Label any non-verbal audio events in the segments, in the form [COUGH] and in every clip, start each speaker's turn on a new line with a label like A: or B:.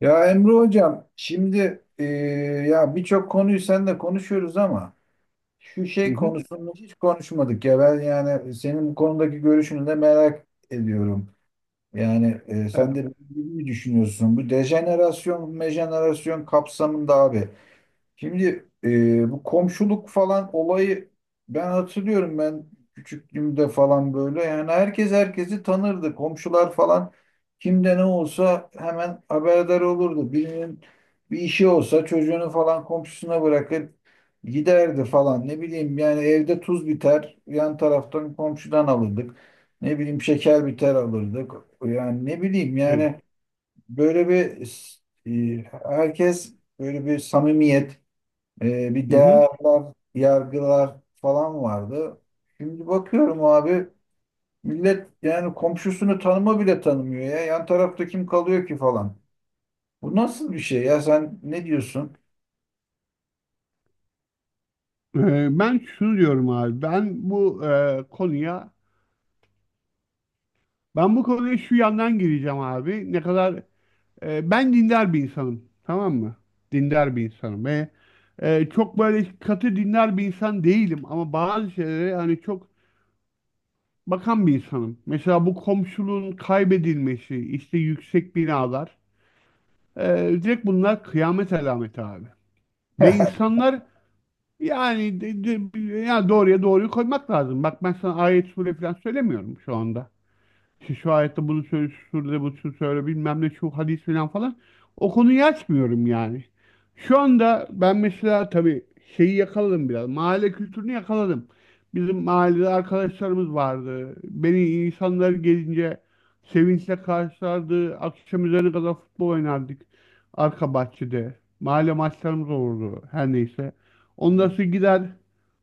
A: Ya Emre Hocam, şimdi ya birçok konuyu seninle konuşuyoruz ama şu şey
B: Hı hı.
A: konusunu hiç konuşmadık ya ben, yani senin bu konudaki görüşünü de merak ediyorum. Yani
B: Evet.
A: sen de benim gibi mi düşünüyorsun? Bu dejenerasyon, mejenerasyon kapsamında abi. Şimdi bu komşuluk falan olayı, ben hatırlıyorum, ben küçüklüğümde falan böyle, yani herkes herkesi tanırdı. Komşular falan, kimde ne olsa hemen haberdar olurdu. Birinin bir işi olsa çocuğunu falan komşusuna bırakır giderdi falan. Ne bileyim yani, evde tuz biter yan taraftan komşudan alırdık. Ne bileyim, şeker biter alırdık. Yani ne bileyim
B: Evet.
A: yani, böyle bir e, herkes böyle bir samimiyet, bir
B: Hı hı.
A: değerler, yargılar falan vardı. Şimdi bakıyorum abi, millet yani komşusunu tanıma bile tanımıyor ya. Yan tarafta kim kalıyor ki falan. Bu nasıl bir şey ya, sen ne diyorsun?
B: Ben şunu diyorum abi. Ben bu konuya şu yandan gireceğim abi. Ne kadar ben dindar bir insanım. Tamam mı? Dindar bir insanım ve çok böyle katı dindar bir insan değilim ama bazı şeylere hani çok bakan bir insanım. Mesela bu komşuluğun kaybedilmesi, işte yüksek binalar. Direkt bunlar kıyamet alameti abi. Ve
A: [LAUGHS]
B: insanlar. Yani ya doğruya doğruyu koymak lazım. Bak ben sana ayet sure falan söylemiyorum şu anda. İşte şu ayette bunu söyle, şurada bunu söyle bilmem ne şu hadis falan falan. O konuyu açmıyorum yani. Şu anda ben mesela tabii şeyi yakaladım biraz. Mahalle kültürünü yakaladım. Bizim mahallede arkadaşlarımız vardı. Beni insanlar gelince sevinçle karşılardı. Akşam üzeri kadar futbol oynardık. Arka bahçede. Mahalle maçlarımız olurdu. Her neyse. Ondan
A: Evet.
B: sonra gider,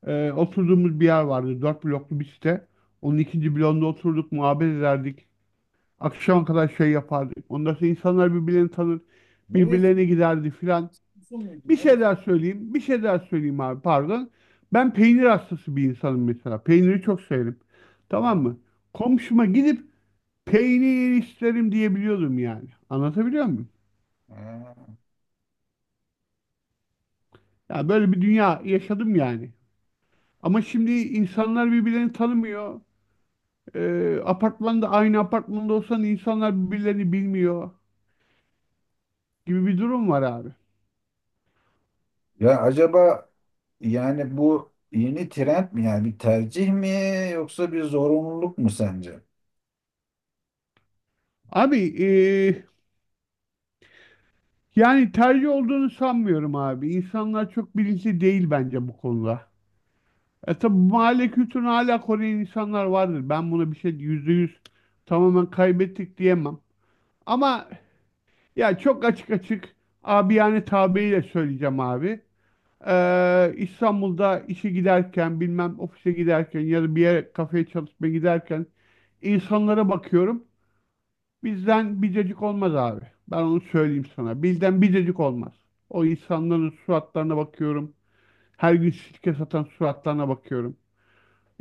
B: oturduğumuz bir yer vardı. Dört bloklu bir site. Onun ikinci bloğunda oturduk, muhabbet ederdik. Akşama kadar şey yapardık. Ondan sonra insanlar birbirlerini tanır,
A: Neresi?
B: birbirlerine giderdi filan.
A: Giresun muydu?
B: Bir şey
A: Neresi?
B: daha söyleyeyim, bir şey daha söyleyeyim abi pardon. Ben peynir hastası bir insanım mesela. Peyniri çok severim. Tamam
A: Ha,
B: mı? Komşuma gidip peynir isterim diyebiliyordum yani. Anlatabiliyor muyum?
A: ha.
B: Ya böyle bir dünya yaşadım yani. Ama şimdi insanlar birbirlerini tanımıyor. Apartmanda, aynı apartmanda olsan insanlar birbirlerini bilmiyor gibi bir durum var abi.
A: Ya acaba, yani bu yeni trend mi, yani bir tercih mi yoksa bir zorunluluk mu sence?
B: Abi, yani tercih olduğunu sanmıyorum abi. İnsanlar çok bilinçli değil bence bu konuda. E tabi bu mahalle kültürünü hala koruyan insanlar vardır. Ben buna bir şey yüzde yüz tamamen kaybettik diyemem. Ama ya çok açık açık abi yani tabiriyle söyleyeceğim abi. İstanbul'da işe giderken bilmem ofise giderken ya da bir yere kafeye çalışmaya giderken insanlara bakıyorum. Bizden bir dedik olmaz abi. Ben onu söyleyeyim sana. Bizden bir dedik olmaz. O insanların suratlarına bakıyorum. Her gün sirke satan suratlarına bakıyorum.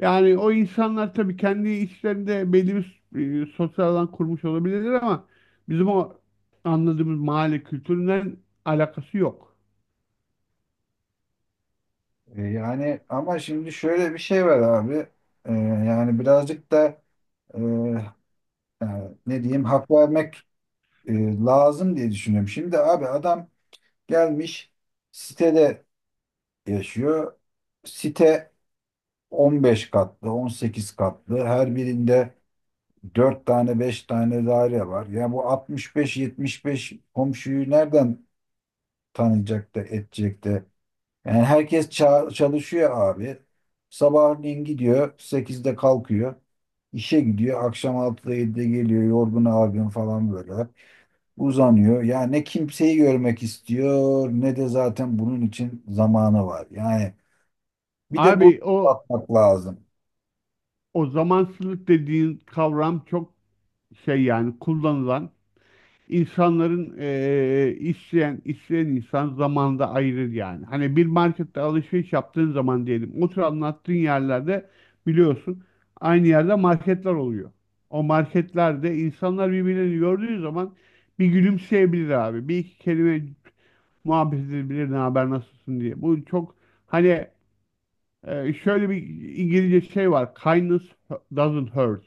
B: Yani o insanlar tabii kendi içlerinde belli bir sosyal alan kurmuş olabilirler ama bizim o anladığımız mahalle kültüründen alakası yok.
A: Yani ama şimdi şöyle bir şey var abi. Yani birazcık da e, yani ne diyeyim, hak vermek e, lazım diye düşünüyorum. Şimdi abi, adam gelmiş sitede yaşıyor. Site 15 katlı, 18 katlı. Her birinde 4 tane, 5 tane daire var. Yani bu 65 beş komşuyu nereden tanıyacak da edecek de? Yani herkes çalışıyor abi. Sabahleyin gidiyor, sekizde kalkıyor. İşe gidiyor, akşam 6'da, 7'de geliyor, yorgun argın falan böyle uzanıyor. Ya ne kimseyi görmek istiyor, ne de zaten bunun için zamanı var. Yani bir de
B: Abi
A: bu
B: o
A: bakmak lazım.
B: o zamansızlık dediğin kavram çok şey yani kullanılan. İnsanların isteyen insan zamanda ayırır yani. Hani bir markette alışveriş yaptığın zaman diyelim otur anlattığın yerlerde biliyorsun aynı yerde marketler oluyor. O marketlerde insanlar birbirini gördüğü zaman bir gülümseyebilir abi. Bir iki kelime muhabbet edebilir ne haber nasılsın diye. Bu çok hani şöyle bir İngilizce şey var. Kindness doesn't hurt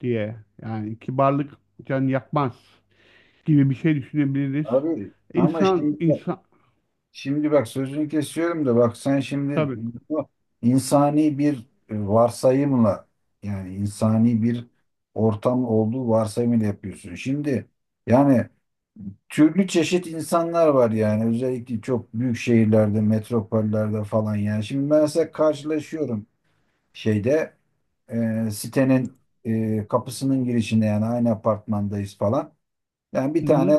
B: diye. Yani kibarlık can yakmaz gibi bir şey düşünebiliriz.
A: Abi ama
B: İnsan,
A: şimdi
B: insan
A: şimdi bak, sözünü kesiyorum da, bak sen şimdi
B: tabii.
A: bu insani bir varsayımla, yani insani bir ortam olduğu varsayımıyla yapıyorsun. Şimdi yani türlü çeşit insanlar var, yani özellikle çok büyük şehirlerde, metropollerde falan. Yani şimdi ben mesela karşılaşıyorum şeyde, sitenin kapısının girişinde, yani aynı apartmandayız falan. Yani bir
B: Hı hı,
A: tane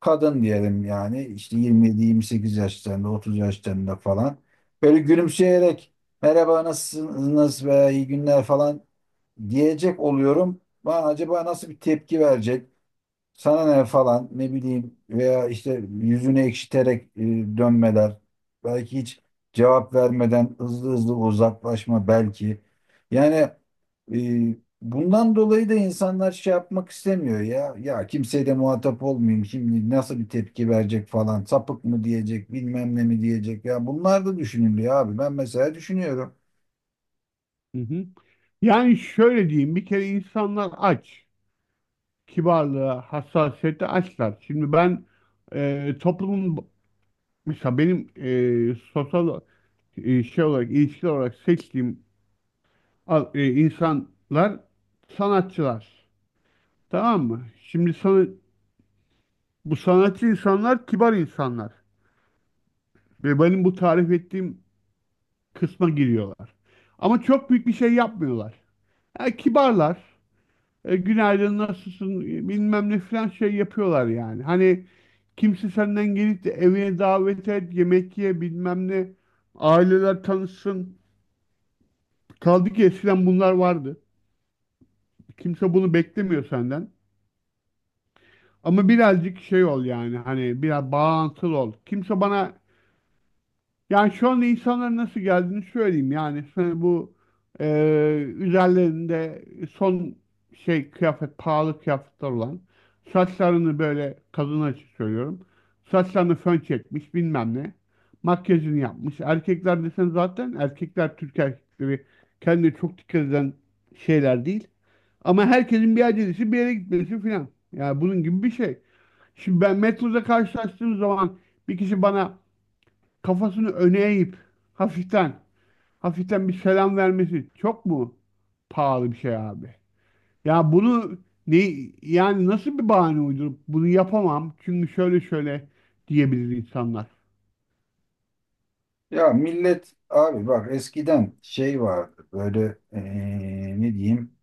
A: kadın diyelim, yani işte 27-28 yaşlarında, 30 yaşlarında falan. Böyle gülümseyerek merhaba nasılsınız veya iyi günler falan diyecek oluyorum. Ben, acaba nasıl bir tepki verecek? Sana ne falan, ne bileyim, veya işte yüzünü ekşiterek dönmeler. Belki hiç cevap vermeden hızlı hızlı uzaklaşma belki. Yani e, bundan dolayı da insanlar şey yapmak istemiyor ya. Ya kimseye de muhatap olmayayım, şimdi nasıl bir tepki verecek falan. Sapık mı diyecek, bilmem ne mi diyecek. Ya bunlar da düşünülüyor abi. Ben mesela düşünüyorum.
B: hı hı. Yani şöyle diyeyim, bir kere insanlar aç. Kibarlığa, hassasiyete açlar. Şimdi ben toplumun, mesela benim sosyal, şey olarak, ilişki olarak seçtiğim insanlar sanatçılar. Tamam mı? Şimdi sana, bu sanatçı insanlar kibar insanlar. Ve benim bu tarif ettiğim kısma giriyorlar. Ama çok büyük bir şey yapmıyorlar. Kibarlar. Günaydın nasılsın bilmem ne falan şey yapıyorlar yani. Hani kimse senden gelip de evine davet et, yemek ye bilmem ne. Aileler tanışsın. Kaldı ki eskiden bunlar vardı. Kimse bunu beklemiyor senden. Ama birazcık şey ol yani hani biraz bağlantılı ol. Kimse bana. Yani şu anda insanların nasıl geldiğini söyleyeyim. Yani sana bu e, üzerlerinde son şey kıyafet, pahalı kıyafetler olan saçlarını böyle kadın açık söylüyorum. Saçlarını fön çekmiş bilmem ne. Makyajını yapmış. Erkekler desen zaten erkekler Türk erkekleri kendine çok dikkat eden şeyler değil. Ama herkesin bir acelesi bir yere gitmesi filan. Yani bunun gibi bir şey. Şimdi ben metroda karşılaştığım zaman bir kişi bana kafasını öne eğip hafiften hafiften bir selam vermesi çok mu pahalı bir şey abi? Ya bunu ne yani nasıl bir bahane uydurup bunu yapamam çünkü şöyle şöyle diyebilir insanlar.
A: Ya millet abi bak, eskiden şey vardı böyle, ne diyeyim,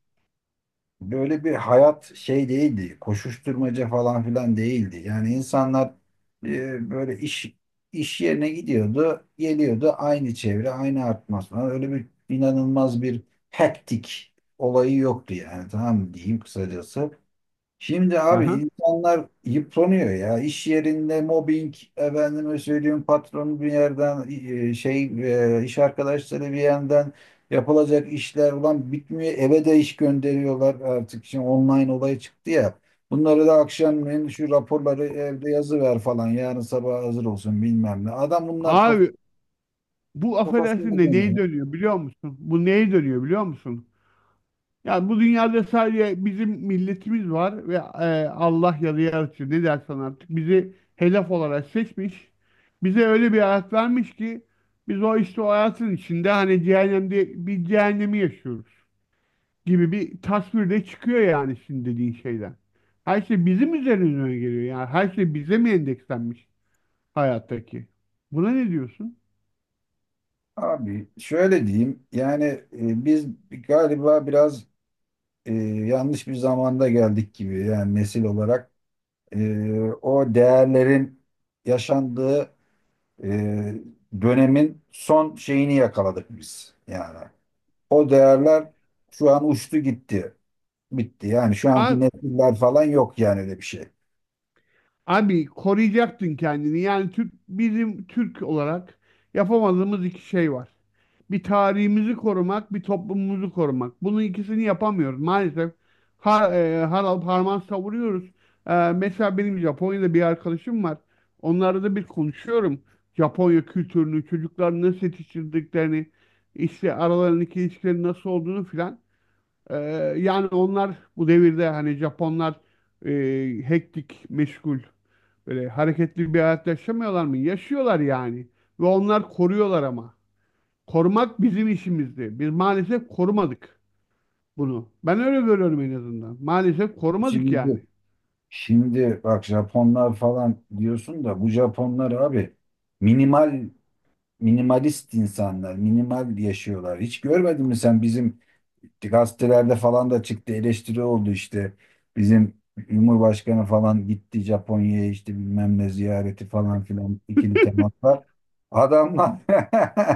A: böyle bir hayat şey değildi. Koşuşturmaca falan filan değildi. Yani insanlar böyle iş yerine gidiyordu, geliyordu, aynı çevre, aynı atmosfer. Öyle bir inanılmaz bir hektik olayı yoktu, yani tamam mı, diyeyim kısacası. Şimdi abi,
B: Aha.
A: insanlar yıpranıyor ya. İş yerinde mobbing, efendime söyleyeyim patron bir yerden e, şey iş arkadaşları bir yerden, yapılacak işler ulan bitmiyor. Eve de iş gönderiyorlar artık. Şimdi online olay çıktı ya. Bunları da akşamleyin, şu raporları evde yazı ver falan, yarın sabah hazır olsun bilmem ne. Adam, bunlar
B: Abi bu affedersin
A: kafasında
B: de neyi
A: dönüyor.
B: dönüyor biliyor musun? Bu neyi dönüyor biliyor musun? Yani bu dünyada sadece bizim milletimiz var ve Allah ya da yaratıcı ne dersen artık bizi helaf olarak seçmiş. Bize öyle bir hayat vermiş ki biz o işte o hayatın içinde hani cehennemde bir cehennemi yaşıyoruz gibi bir tasvir de çıkıyor yani şimdi dediğin şeyden. Her şey bizim üzerimize geliyor yani her şey bize mi endekslenmiş hayattaki? Buna ne diyorsun?
A: Abi şöyle diyeyim yani, biz galiba biraz e, yanlış bir zamanda geldik gibi, yani nesil olarak e, o değerlerin yaşandığı e, dönemin son şeyini yakaladık biz yani. O değerler şu an uçtu gitti. Bitti. Yani şu anki
B: Abi
A: nesiller falan yok yani, öyle bir şey.
B: Abi, koruyacaktın kendini. Yani Türk, bizim Türk olarak yapamadığımız iki şey var. Bir tarihimizi korumak, bir toplumumuzu korumak. Bunun ikisini yapamıyoruz maalesef. Harap harman savuruyoruz. Mesela benim Japonya'da bir arkadaşım var. Onlarla da bir konuşuyorum. Japonya kültürünü, çocukların nasıl yetiştirdiklerini, işte aralarındaki ilişkilerin nasıl olduğunu filan. E, Yani onlar bu devirde hani Japonlar e, hektik, meşgul. Böyle hareketli bir hayat yaşamıyorlar mı? Yaşıyorlar yani. Ve onlar koruyorlar ama. Korumak bizim işimizdi. Biz maalesef korumadık bunu. Ben öyle görüyorum en azından. Maalesef korumadık
A: Şimdi
B: yani.
A: şimdi bak, Japonlar falan diyorsun da, bu Japonlar abi minimal minimalist insanlar, minimal yaşıyorlar. Hiç görmedin mi sen, bizim gazetelerde falan da çıktı, eleştiri oldu işte. Bizim Cumhurbaşkanı falan gitti Japonya'ya, işte bilmem ne ziyareti falan filan, ikili
B: [LAUGHS]
A: temaslar. Adamlar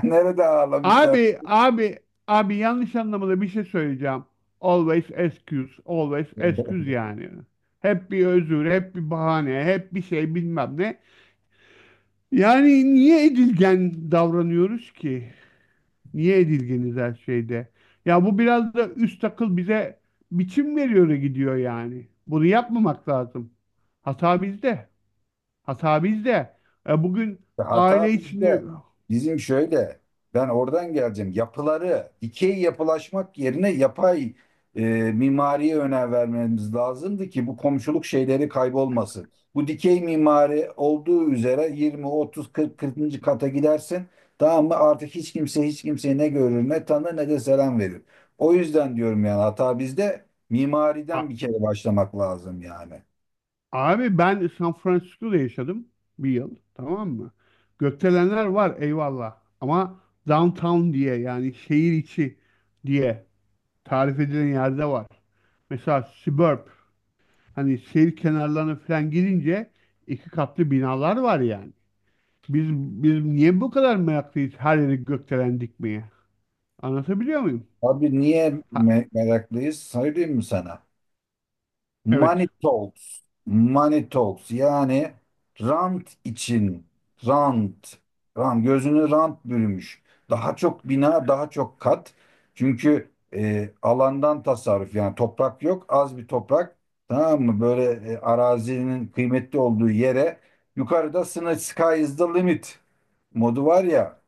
A: [LAUGHS] nerede ağlamışlar?
B: Abi, abi, abi, yanlış anlamada bir şey söyleyeceğim. Always excuse yani. Hep bir özür, hep bir bahane, hep bir şey bilmem ne. Yani niye edilgen davranıyoruz ki? Niye edilgeniz her şeyde? Ya bu biraz da üst akıl bize biçim veriyor gidiyor yani. Bunu yapmamak lazım. Hata bizde. Hata bizde. Bugün
A: İşte
B: aile
A: hata
B: içinde...
A: bizde. Bizim şöyle, ben oradan geleceğim. Yapıları, dikey yapılaşmak yerine yapay e, mimariye önem vermemiz lazımdı ki bu komşuluk şeyleri kaybolmasın. Bu dikey mimari olduğu üzere 20, 30, 40, 40. kata gidersin. Tamam mı? Artık hiç kimse hiç kimseyi ne görür, ne tanır, ne de selam verir. O yüzden diyorum yani, hata bizde. Mimariden
B: A-
A: bir kere başlamak lazım yani.
B: Abi ben San Francisco'da yaşadım bir yıl. Tamam mı? Gökdelenler var eyvallah. Ama downtown diye yani şehir içi diye tarif edilen yerde var. Mesela suburb. Hani şehir kenarlarına falan girince iki katlı binalar var yani. Biz niye bu kadar meraklıyız her yeri gökdelen dikmeye? Anlatabiliyor muyum?
A: Abi niye
B: Ha,
A: meraklıyız? Söyleyeyim mi sana?
B: evet.
A: Money talks. Money talks. Yani rant için, rant. Ram gözünü rant bürümüş. Daha çok bina, daha çok kat. Çünkü alandan tasarruf, yani toprak yok, az bir toprak. Tamam mı? Böyle arazinin kıymetli olduğu yere, yukarıda sınır, sky is the limit modu var ya.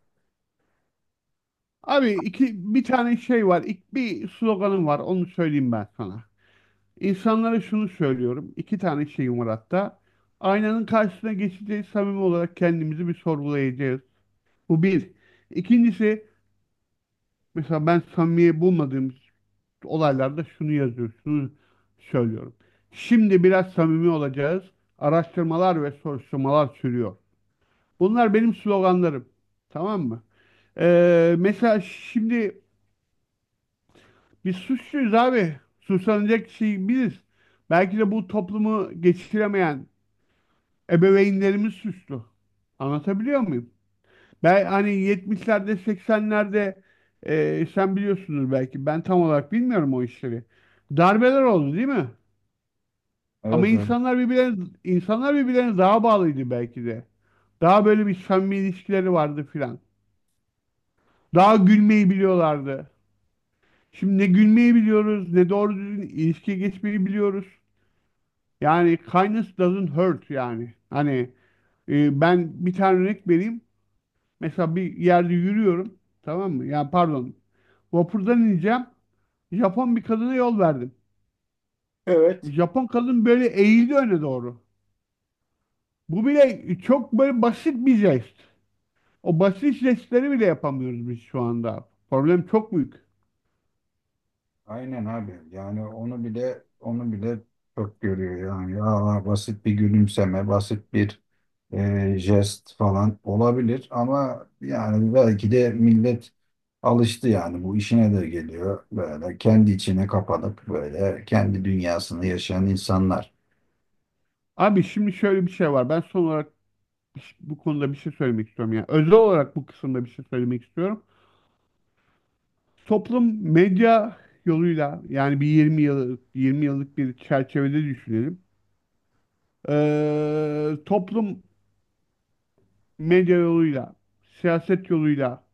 B: Abi iki bir tane şey var. İlk bir sloganım var. Onu söyleyeyim ben sana. İnsanlara şunu söylüyorum. İki tane şeyim var hatta. Aynanın karşısına geçeceğiz. Samimi olarak kendimizi bir sorgulayacağız. Bu bir. İkincisi mesela ben samimiye bulmadığım olaylarda şunu yazıyor, şunu söylüyorum. Şimdi biraz samimi olacağız. Araştırmalar ve soruşturmalar sürüyor. Bunlar benim sloganlarım. Tamam mı? Mesela şimdi biz suçluyuz abi. Suçlanacak şey biziz. Belki de bu toplumu geçiremeyen ebeveynlerimiz suçlu. Anlatabiliyor muyum? Ben hani 70'lerde 80'lerde sen biliyorsunuz belki ben tam olarak bilmiyorum o işleri. Darbeler oldu değil mi? Ama
A: Evet, evet.
B: insanlar birbirlerine daha bağlıydı belki de. Daha böyle bir samimi ilişkileri vardı filan. Daha gülmeyi biliyorlardı. Şimdi ne gülmeyi biliyoruz, ne doğru düzgün ilişkiye geçmeyi biliyoruz. Yani kindness doesn't hurt yani. Hani ben bir tane örnek vereyim. Mesela bir yerde yürüyorum. Tamam mı? Yani pardon. Vapurdan ineceğim. Japon bir kadına yol verdim.
A: Evet.
B: Japon kadın böyle eğildi öne doğru. Bu bile çok böyle basit bir jest. O basit jestleri bile yapamıyoruz biz şu anda. Problem çok büyük.
A: Aynen abi. Yani onu bile, onu bile çok görüyor yani. Ya basit bir gülümseme, basit bir jest falan olabilir ama, yani belki de millet alıştı yani, bu işine de geliyor. Böyle kendi içine kapanıp böyle kendi dünyasını yaşayan insanlar.
B: Abi şimdi şöyle bir şey var. Ben son olarak bu konuda bir şey söylemek istiyorum. Yani özel olarak bu kısımda bir şey söylemek istiyorum. Toplum medya yoluyla yani bir 20 yıllık bir çerçevede düşünelim. Toplum medya yoluyla, siyaset yoluyla,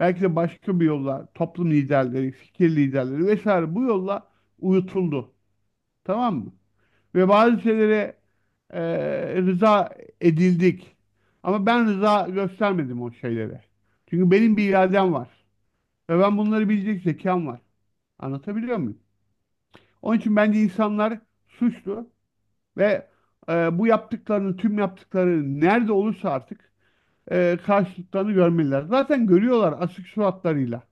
B: belki de başka bir yolla toplum liderleri, fikir liderleri vesaire bu yolla uyutuldu. Tamam mı? Ve bazı şeylere e, rıza edildik. Ama ben rıza göstermedim o şeylere. Çünkü benim bir iradem var. Ve ben bunları bilecek zekam var. Anlatabiliyor muyum? Onun için bence insanlar suçlu ve bu yaptıklarının, tüm yaptıkları nerede olursa artık karşılıklarını görmeliler. Zaten görüyorlar asık suratlarıyla,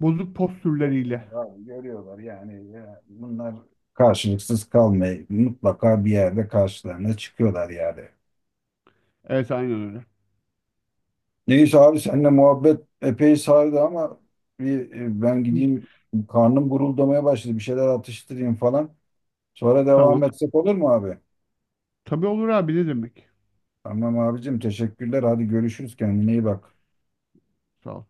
B: bozuk postürleriyle.
A: Görüyorlar abi, görüyorlar yani. Ya bunlar karşılıksız kalmayı, mutlaka bir yerde karşılarına çıkıyorlar yani.
B: Evet aynen öyle.
A: Neyse abi, seninle muhabbet epey sardı ama bir, ben
B: Hı,
A: gideyim, karnım guruldamaya başladı. Bir şeyler atıştırayım falan. Sonra devam
B: Tamam.
A: etsek olur mu abi?
B: Tabii olur abi ne demek.
A: Tamam abicim, teşekkürler. Hadi görüşürüz. Kendine iyi bak.
B: Sağ ol.